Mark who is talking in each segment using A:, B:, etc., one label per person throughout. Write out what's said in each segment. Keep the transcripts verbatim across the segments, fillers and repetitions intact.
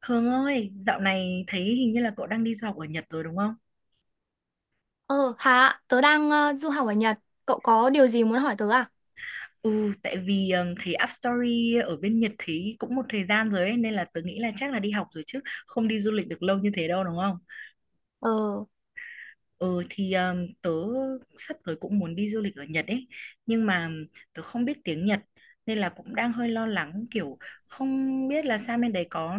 A: Hương ơi, dạo này thấy hình như là cậu đang đi du học ở Nhật rồi đúng không?
B: Ờ, hả? Tớ đang ờ, du học ở Nhật. Cậu có điều gì muốn hỏi tớ à?
A: Ừ, tại vì ừm, thấy Up Story ở bên Nhật thấy cũng một thời gian rồi ấy, nên là tớ nghĩ là chắc là đi học rồi chứ không đi du lịch được lâu như thế đâu đúng không?
B: Ờ,
A: Ừ thì um, tớ sắp tới cũng muốn đi du lịch ở Nhật ấy, nhưng mà tớ không biết tiếng Nhật nên là cũng đang hơi lo lắng, kiểu không biết là sang bên đấy có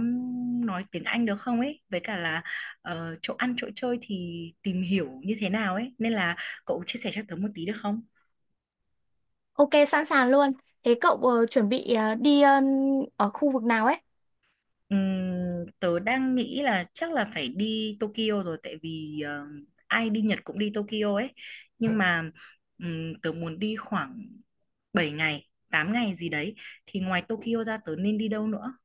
A: nói tiếng Anh được không ấy, với cả là ờ, chỗ ăn chỗ chơi thì tìm hiểu như thế nào ấy, nên là cậu chia sẻ cho tớ một tí được không?
B: ok, sẵn sàng luôn. Thế cậu ờ, chuẩn bị ờ, đi ờ, ở khu vực nào ấy?
A: Ừm, tớ đang nghĩ là chắc là phải đi Tokyo rồi, tại vì ờ, ai đi Nhật cũng đi Tokyo ấy, nhưng mà ừm, tớ muốn đi khoảng bảy ngày tám ngày gì đấy, thì ngoài Tokyo ra tớ nên đi đâu nữa?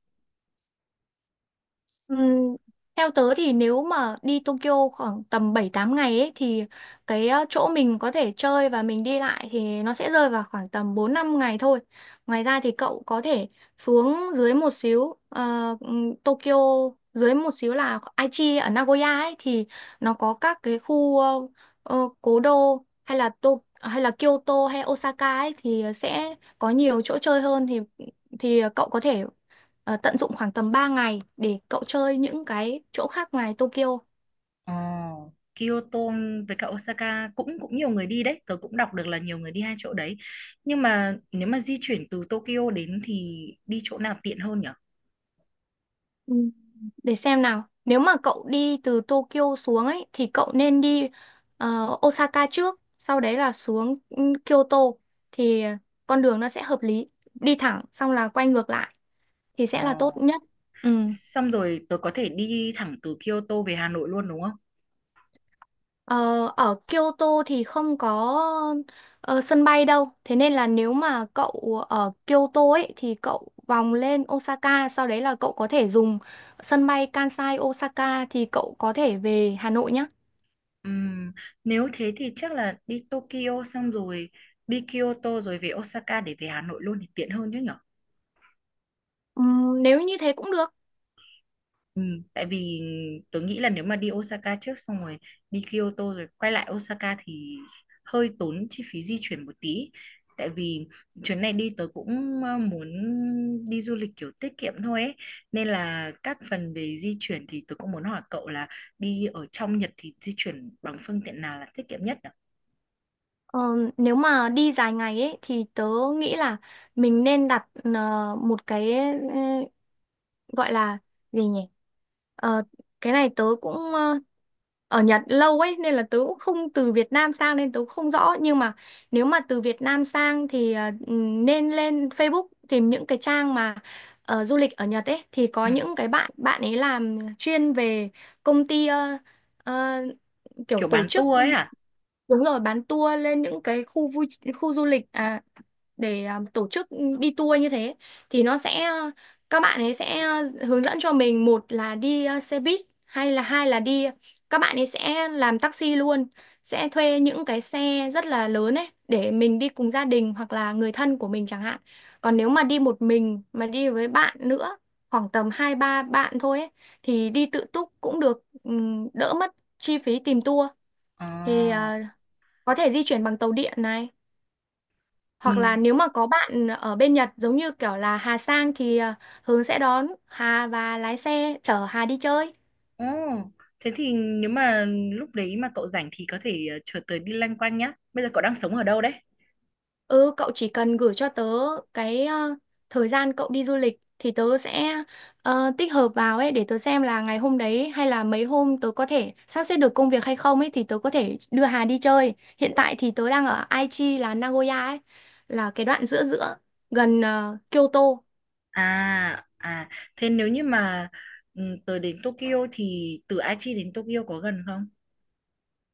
B: Ừm, Theo tớ thì nếu mà đi Tokyo khoảng tầm bảy tám ngày ấy, thì cái ờ, chỗ mình có thể chơi và mình đi lại thì nó sẽ rơi vào khoảng tầm bốn năm ngày thôi. Ngoài ra thì cậu có thể xuống dưới một xíu ờ, ừm, Tokyo, dưới một xíu là Aichi ở Nagoya ấy thì nó có các cái khu ờ, ờ, cố đô hay là To hay là Kyoto hay Osaka ấy thì sẽ có nhiều chỗ chơi hơn thì thì cậu có thể ờ, tận dụng khoảng tầm ba ngày để cậu chơi những cái chỗ khác ngoài Tokyo.
A: Ờ, Kyoto với cả Osaka cũng cũng nhiều người đi đấy, tớ cũng đọc được là nhiều người đi hai chỗ đấy, nhưng mà nếu mà di chuyển từ Tokyo đến thì đi chỗ nào tiện hơn nhỉ?
B: Ừ, để xem nào. Nếu mà cậu đi từ Tokyo xuống ấy thì cậu nên đi ờ, Osaka trước, sau đấy là xuống ừ, Kyoto thì con đường nó sẽ hợp lý. Đi thẳng xong là quay ngược lại thì sẽ là tốt
A: Ờ.
B: nhất. Ừ.
A: Xong rồi tớ có thể đi thẳng từ Kyoto về Hà Nội luôn đúng không?
B: Ờ, ở Kyoto thì không có ờ, sân bay đâu. Thế nên là nếu mà cậu ở Kyoto ấy thì cậu vòng lên Osaka, sau đấy là cậu có thể dùng sân bay Kansai Osaka thì cậu có thể về Hà Nội nhá.
A: Ừm, Nếu thế thì chắc là đi Tokyo xong rồi đi Kyoto rồi về Osaka để về Hà Nội luôn thì tiện hơn chứ nhỉ?
B: Ừm, nếu như thế cũng được.
A: Ừ, tại vì tôi nghĩ là nếu mà đi Osaka trước xong rồi đi Kyoto rồi quay lại Osaka thì hơi tốn chi phí di chuyển một tí. Tại vì chuyến này đi tớ cũng ờ, muốn đi du lịch kiểu tiết kiệm thôi ấy. Nên là các phần về di chuyển thì tớ cũng muốn hỏi cậu là đi ở trong Nhật thì di chuyển bằng phương tiện nào là tiết kiệm nhất nhỉ?
B: Ờ, nếu mà đi dài ngày ấy thì tớ nghĩ là mình nên đặt ờ, một cái gọi là gì nhỉ. Ờ, cái này tớ cũng ờ, ở Nhật lâu ấy nên là tớ cũng không từ Việt Nam sang nên tớ cũng không rõ, nhưng mà nếu mà từ Việt Nam sang thì ờ, ừm, nên lên Facebook tìm những cái trang mà ờ, du lịch ở Nhật ấy thì có
A: Ừ,
B: những cái bạn bạn ấy làm chuyên về công ty ờ, ờ, kiểu
A: kiểu
B: tổ
A: bán
B: chức.
A: tour ấy hả?
B: Đúng rồi, bán tour lên những cái khu vui, khu du lịch, à, để à, tổ chức đi tour như thế thì nó sẽ ờ, các bạn ấy sẽ ờ, hướng dẫn cho mình, một là đi à, xe buýt hay là hai là đi các bạn ấy sẽ làm taxi luôn, sẽ thuê những cái xe rất là lớn ấy để mình đi cùng gia đình hoặc là người thân của mình chẳng hạn. Còn nếu mà đi một mình mà đi với bạn nữa, khoảng tầm hai ba bạn thôi ấy, thì đi tự túc cũng được, ừm, đỡ mất chi phí tìm tour thì
A: À?
B: à, có thể di chuyển bằng tàu điện này,
A: Ừ.
B: hoặc là nếu mà có bạn ở bên Nhật giống như kiểu là Hà sang thì à, Hướng sẽ đón Hà và lái xe chở Hà đi chơi.
A: Ồ, thế thì nếu mà lúc đấy mà cậu rảnh thì có thể ờ, chở tớ đi loanh quanh nhá. Bây giờ cậu đang sống ở đâu đấy?
B: Ừ, cậu chỉ cần gửi cho tớ cái à, thời gian cậu đi du lịch thì tớ sẽ ờ, tích hợp vào ấy để tớ xem là ngày hôm đấy hay là mấy hôm tớ có thể sắp xếp được công việc hay không ấy, thì tớ có thể đưa Hà đi chơi. Hiện tại thì tớ đang ở Aichi là Nagoya ấy, là cái đoạn giữa giữa gần ờ, Kyoto.
A: À, à, thế nếu như mà ừ, tớ đến Tokyo thì từ Aichi đến Tokyo có gần không?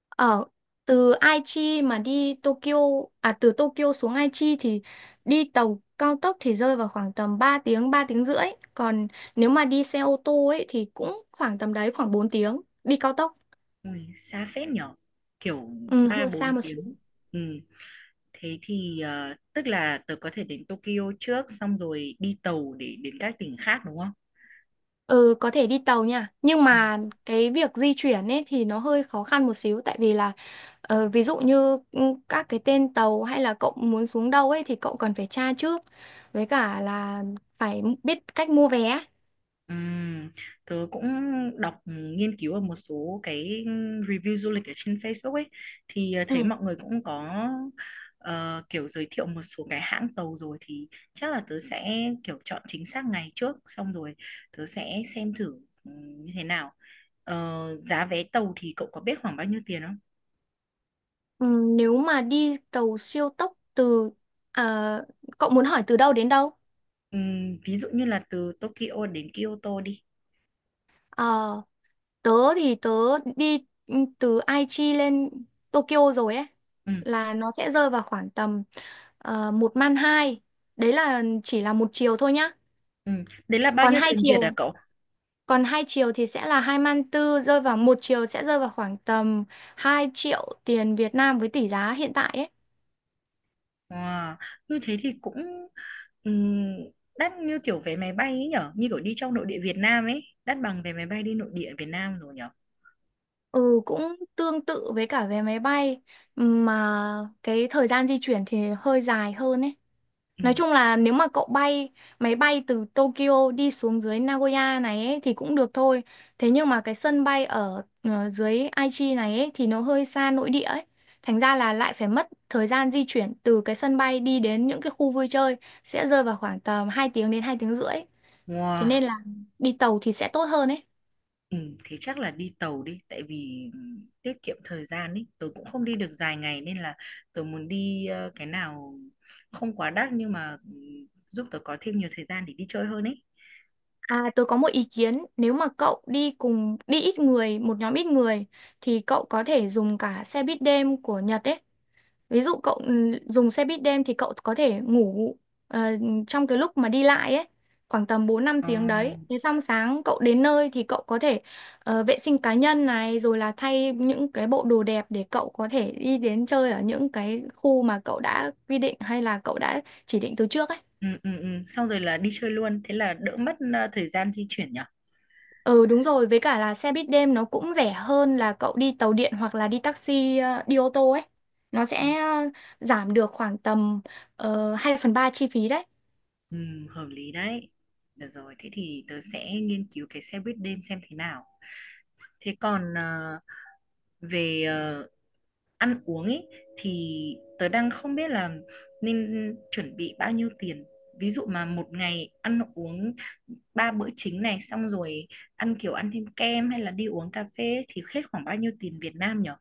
B: Ở từ Aichi mà đi Tokyo, à từ Tokyo xuống Aichi thì đi tàu cao tốc thì rơi vào khoảng tầm ba tiếng, ba tiếng rưỡi, còn nếu mà đi xe ô tô ấy thì cũng khoảng tầm đấy, khoảng bốn tiếng đi cao tốc.
A: Ui, xa phết nhở, kiểu
B: Ừ,
A: ba
B: hơi
A: bốn
B: xa một xíu.
A: tiếng. Ừ, thế thì ờ, tức là tớ có thể đến Tokyo trước xong rồi đi tàu để đến các tỉnh khác đúng không?
B: Ừ, có thể đi tàu nha, nhưng
A: Ừ.
B: mà cái việc di chuyển ấy thì nó hơi khó khăn một xíu tại vì là ờ, ví dụ như ừ, các cái tên tàu hay là cậu muốn xuống đâu ấy thì cậu cần phải tra trước, với cả là phải biết cách mua vé.
A: Ừm, Tớ cũng đọc, ừ, nghiên cứu ở một số cái, ừ, review du lịch ở trên Facebook ấy, thì ờ, thấy
B: Ừ.
A: mọi người cũng có ờ, kiểu giới thiệu một số cái hãng tàu rồi, thì chắc là tớ sẽ kiểu chọn chính xác ngày trước, xong rồi tớ sẽ xem thử ừm, như thế nào. Ờ, giá vé tàu thì cậu có biết khoảng bao nhiêu tiền không?
B: Ừ, nếu mà đi tàu siêu tốc từ à, cậu muốn hỏi từ đâu đến đâu?
A: Ừm, ví dụ như là từ Tokyo đến Kyoto đi.
B: Ờ, tớ thì tớ đi ừ, từ Aichi lên Tokyo rồi ấy,
A: Ừm,
B: là nó sẽ rơi vào khoảng tầm uh, một man hai, đấy là chỉ là một chiều thôi nhá.
A: ừm. Đấy là bao
B: còn
A: nhiêu
B: hai
A: tiền Việt à
B: chiều
A: cậu?
B: Còn hai chiều thì sẽ là hai man tư, rơi vào một chiều sẽ rơi vào khoảng tầm hai triệu tiền Việt Nam với tỷ giá hiện tại ấy.
A: Wow, như thế thì cũng ừm, đắt như kiểu vé máy bay ấy nhở, như kiểu đi trong nội địa Việt Nam ấy, đắt bằng vé máy bay đi nội địa Việt Nam rồi nhở.
B: Ừ, cũng tương tự với cả vé máy bay, mà cái thời gian di chuyển thì hơi dài hơn ấy.
A: Ừ.
B: Nói chung là nếu mà cậu bay máy bay từ Tokyo đi xuống dưới Nagoya này ấy, thì cũng được thôi. Thế nhưng mà cái sân bay ở ờ, dưới Aichi này ấy, thì nó hơi xa nội địa ấy. Thành ra là lại phải mất thời gian di chuyển từ cái sân bay đi đến những cái khu vui chơi, sẽ rơi vào khoảng tầm hai tiếng đến hai tiếng rưỡi. Thế
A: Wow,
B: nên là đi tàu thì sẽ tốt hơn ấy.
A: ừ, thế chắc là đi tàu đi, tại vì ừm, tiết kiệm thời gian ấy, tôi cũng không đi được dài ngày nên là tôi muốn đi ờ, cái nào không quá đắt nhưng mà ừm, giúp tôi có thêm nhiều thời gian để đi chơi hơn ấy.
B: À, tôi có một ý kiến, nếu mà cậu đi cùng, đi ít người, một nhóm ít người thì cậu có thể dùng cả xe buýt đêm của Nhật ấy. Ví dụ cậu ừ, dùng xe buýt đêm thì cậu có thể ngủ ờ, trong cái lúc mà đi lại ấy, khoảng tầm bốn năm
A: Ờ,
B: tiếng đấy. Thế xong sáng cậu đến nơi thì cậu có thể ờ, vệ sinh cá nhân này rồi là thay những cái bộ đồ đẹp để cậu có thể đi đến chơi ở những cái khu mà cậu đã quy định hay là cậu đã chỉ định từ trước ấy.
A: ừ, ừ, ừ. Xong rồi là đi chơi luôn, thế là đỡ mất ờ, thời gian di chuyển nhở.
B: Ừ, đúng rồi, với cả là xe buýt đêm nó cũng rẻ hơn là cậu đi tàu điện hoặc là đi taxi, ờ, đi ô tô ấy. Nó sẽ ờ, giảm được khoảng tầm uh, hai phần ba phần ba chi phí đấy.
A: Ừ, hợp lý đấy. Được rồi, thế thì tớ sẽ nghiên cứu cái xe buýt đêm xem thế nào. Thế còn ờ, về ờ, ăn uống ấy thì tớ đang không biết là nên chuẩn bị bao nhiêu tiền. Ví dụ mà một ngày ăn uống ba bữa chính này, xong rồi ăn kiểu ăn thêm kem hay là đi uống cà phê ấy, thì hết khoảng bao nhiêu tiền Việt Nam nhở?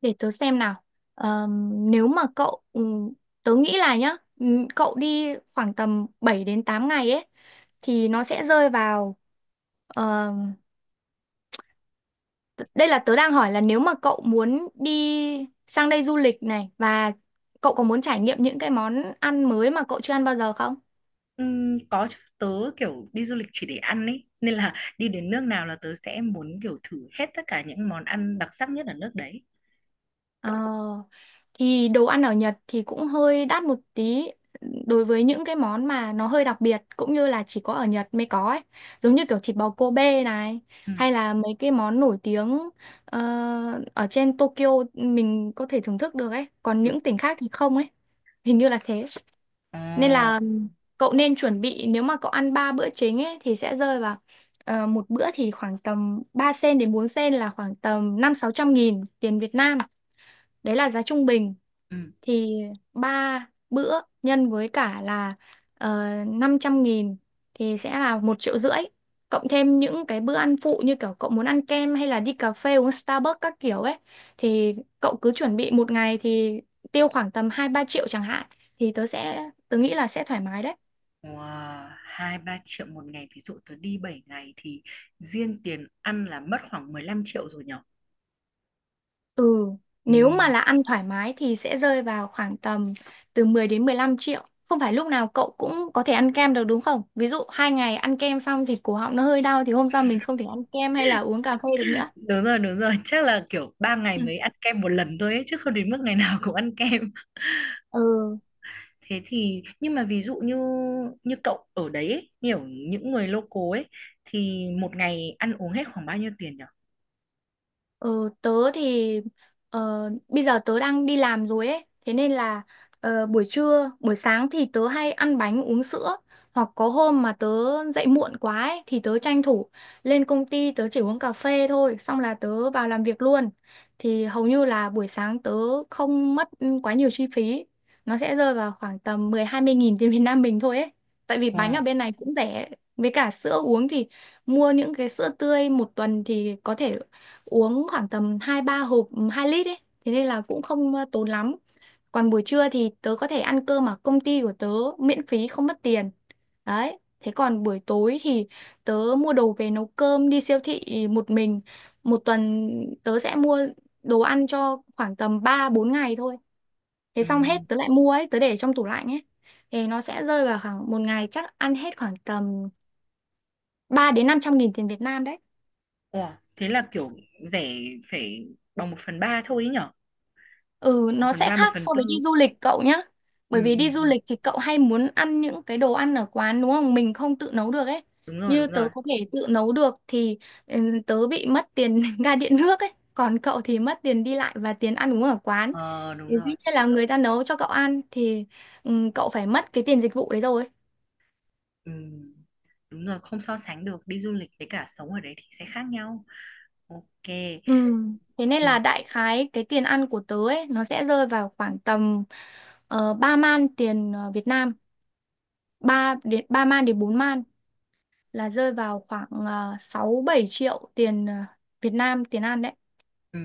B: Để tớ xem nào. Ờm, nếu mà cậu, ừ, tớ nghĩ là nhá, ừ, cậu đi khoảng tầm bảy đến tám ngày ấy, thì nó sẽ rơi vào. Đây là tớ đang hỏi là nếu mà cậu muốn đi sang đây du lịch này và cậu có muốn trải nghiệm những cái món ăn mới mà cậu chưa ăn bao giờ không?
A: Ừm, có chứ, tớ kiểu đi du lịch chỉ để ăn ấy, nên là đi đến nước nào là tớ sẽ muốn kiểu thử hết tất cả những món ăn đặc sắc nhất ở nước đấy.
B: Ờ, thì đồ ăn ở Nhật thì cũng hơi đắt một tí đối với những cái món mà nó hơi đặc biệt cũng như là chỉ có ở Nhật mới có ấy. Giống như kiểu thịt bò Kobe này,
A: Ừ.
B: hay là mấy cái món nổi tiếng ờ, ở trên Tokyo mình có thể thưởng thức được ấy. Còn
A: Kiểu.
B: những tỉnh khác thì không ấy. Hình như là thế.
A: Ờ.
B: Nên là cậu nên chuẩn bị, nếu mà cậu ăn ba bữa chính ấy thì sẽ rơi vào ờ, một bữa thì khoảng tầm ba sen đến bốn sen, là khoảng tầm năm sáu trăm nghìn tiền Việt Nam. Đấy là giá trung bình
A: Ừ.
B: thì ba bữa nhân với cả là uh, năm trăm nghìn thì sẽ là một triệu rưỡi. Cộng thêm những cái bữa ăn phụ như kiểu cậu muốn ăn kem hay là đi cà phê uống Starbucks các kiểu ấy, thì cậu cứ chuẩn bị một ngày thì tiêu khoảng tầm hai ba triệu chẳng hạn, thì tớ sẽ tớ nghĩ là sẽ thoải mái đấy.
A: Wow. Hai ba triệu một ngày, ví dụ tớ đi bảy ngày thì riêng tiền ăn là mất khoảng mười lăm triệu rồi nhở.
B: Ừ, nếu mà
A: Ừ.
B: là ăn thoải mái thì sẽ rơi vào khoảng tầm từ mười đến mười lăm triệu. Không phải lúc nào cậu cũng có thể ăn kem được đúng không? Ví dụ hai ngày ăn kem xong thì cổ họng nó hơi đau thì hôm sau mình không thể ăn kem hay là uống cà phê được nữa.
A: Đúng rồi, đúng rồi, chắc là kiểu ba ngày
B: Ừ.
A: mới ăn kem một lần thôi ấy, chứ không đến mức ngày nào cũng ăn kem
B: Ừ.
A: thế thì nhưng mà ví dụ như như cậu ở đấy ấy, nhiều những người local ấy, thì một ngày ăn uống hết khoảng bao nhiêu tiền nhở?
B: Ờ, tớ thì ờ, bây giờ tớ đang đi làm rồi ấy, thế nên là ờ, buổi trưa, buổi sáng thì tớ hay ăn bánh uống sữa, hoặc có hôm mà tớ dậy muộn quá ấy, thì tớ tranh thủ lên công ty tớ chỉ uống cà phê thôi, xong là tớ vào làm việc luôn. Thì hầu như là buổi sáng tớ không mất quá nhiều chi phí, nó sẽ rơi vào khoảng tầm mười hai mươi nghìn tiền Việt Nam mình thôi ấy. Tại vì bánh
A: Ờ.
B: ở bên này cũng rẻ, với cả sữa uống thì mua những cái sữa tươi một tuần thì có thể uống khoảng tầm hai ba hộp hai lít ấy. Thế nên là cũng không ờ, tốn lắm. Còn buổi trưa thì tớ có thể ăn cơm ở công ty của tớ, miễn phí không mất tiền. Đấy. Thế còn buổi tối thì tớ mua đồ về nấu cơm, đi siêu thị một mình. Một tuần tớ sẽ mua đồ ăn cho khoảng tầm ba bốn ngày thôi. Thế
A: Ừ.
B: xong hết tớ lại mua ấy, tớ để trong tủ lạnh ấy. Thì nó sẽ rơi vào khoảng một ngày chắc ăn hết khoảng tầm ba đến năm trăm nghìn tiền Việt Nam đấy.
A: Ủa, thế là kiểu rẻ, phải bằng một phần ba thôi ấy nhở,
B: Ừ,
A: một
B: nó
A: phần
B: sẽ
A: ba một
B: khác
A: phần
B: so với đi
A: tư.
B: du lịch cậu nhá.
A: Ừ,
B: Bởi vì đi
A: ừ,
B: du
A: ừ.
B: lịch thì cậu hay muốn ăn những cái đồ ăn ở quán đúng không? Mình không tự nấu được ấy.
A: Đúng rồi,
B: Như
A: đúng rồi.
B: tớ có thể tự nấu được thì ừ, tớ bị mất tiền ga điện nước ấy. Còn cậu thì mất tiền đi lại và tiền ăn uống ở quán.
A: Ờ, đúng
B: Thì dĩ
A: rồi.
B: nhiên là người ta nấu cho cậu ăn thì ừ, cậu phải mất cái tiền dịch vụ đấy rồi.
A: Ừ. Đúng rồi, không so sánh được, đi du lịch với cả sống ở đấy thì sẽ khác nhau. Ok.
B: Ừ. Thế nên
A: Ừ,
B: là đại khái cái tiền ăn của tớ ấy nó sẽ rơi vào khoảng tầm uh, 3 man tiền ờ, Việt Nam, ba đến ba man đến bốn man, là rơi vào khoảng uh, 6-7 triệu tiền ờ, Việt Nam, tiền ăn đấy.
A: ừ.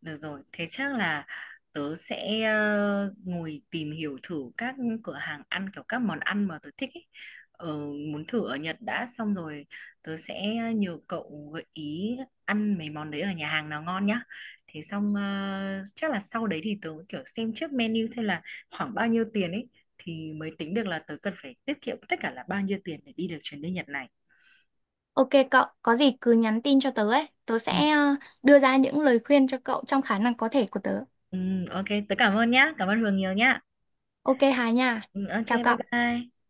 A: Được rồi, thế chắc là tớ sẽ ờ, ngồi tìm hiểu thử các cửa hàng ăn, kiểu các món ăn mà tớ thích ấy. Ờ, Muốn thử ở Nhật đã, xong rồi tớ sẽ nhờ cậu gợi ý ăn mấy món đấy ở nhà hàng nào ngon nhá. Thế xong ờ, chắc là sau đấy thì tớ kiểu xem trước menu xem là khoảng bao nhiêu tiền ấy, thì mới tính được là tớ cần phải tiết kiệm tất cả là bao nhiêu tiền để đi được chuyến đi Nhật này.
B: Ok cậu, có gì cứ nhắn tin cho tớ ấy. Tớ
A: Ừ,
B: sẽ ờ, đưa ra những lời khuyên cho cậu trong khả năng có thể của tớ.
A: ừ, ok, tớ cảm ơn nhá, cảm ơn Hường nhiều nhá.
B: Ok Hà nha.
A: Ừ, ok,
B: Chào
A: bye
B: cậu.
A: bye.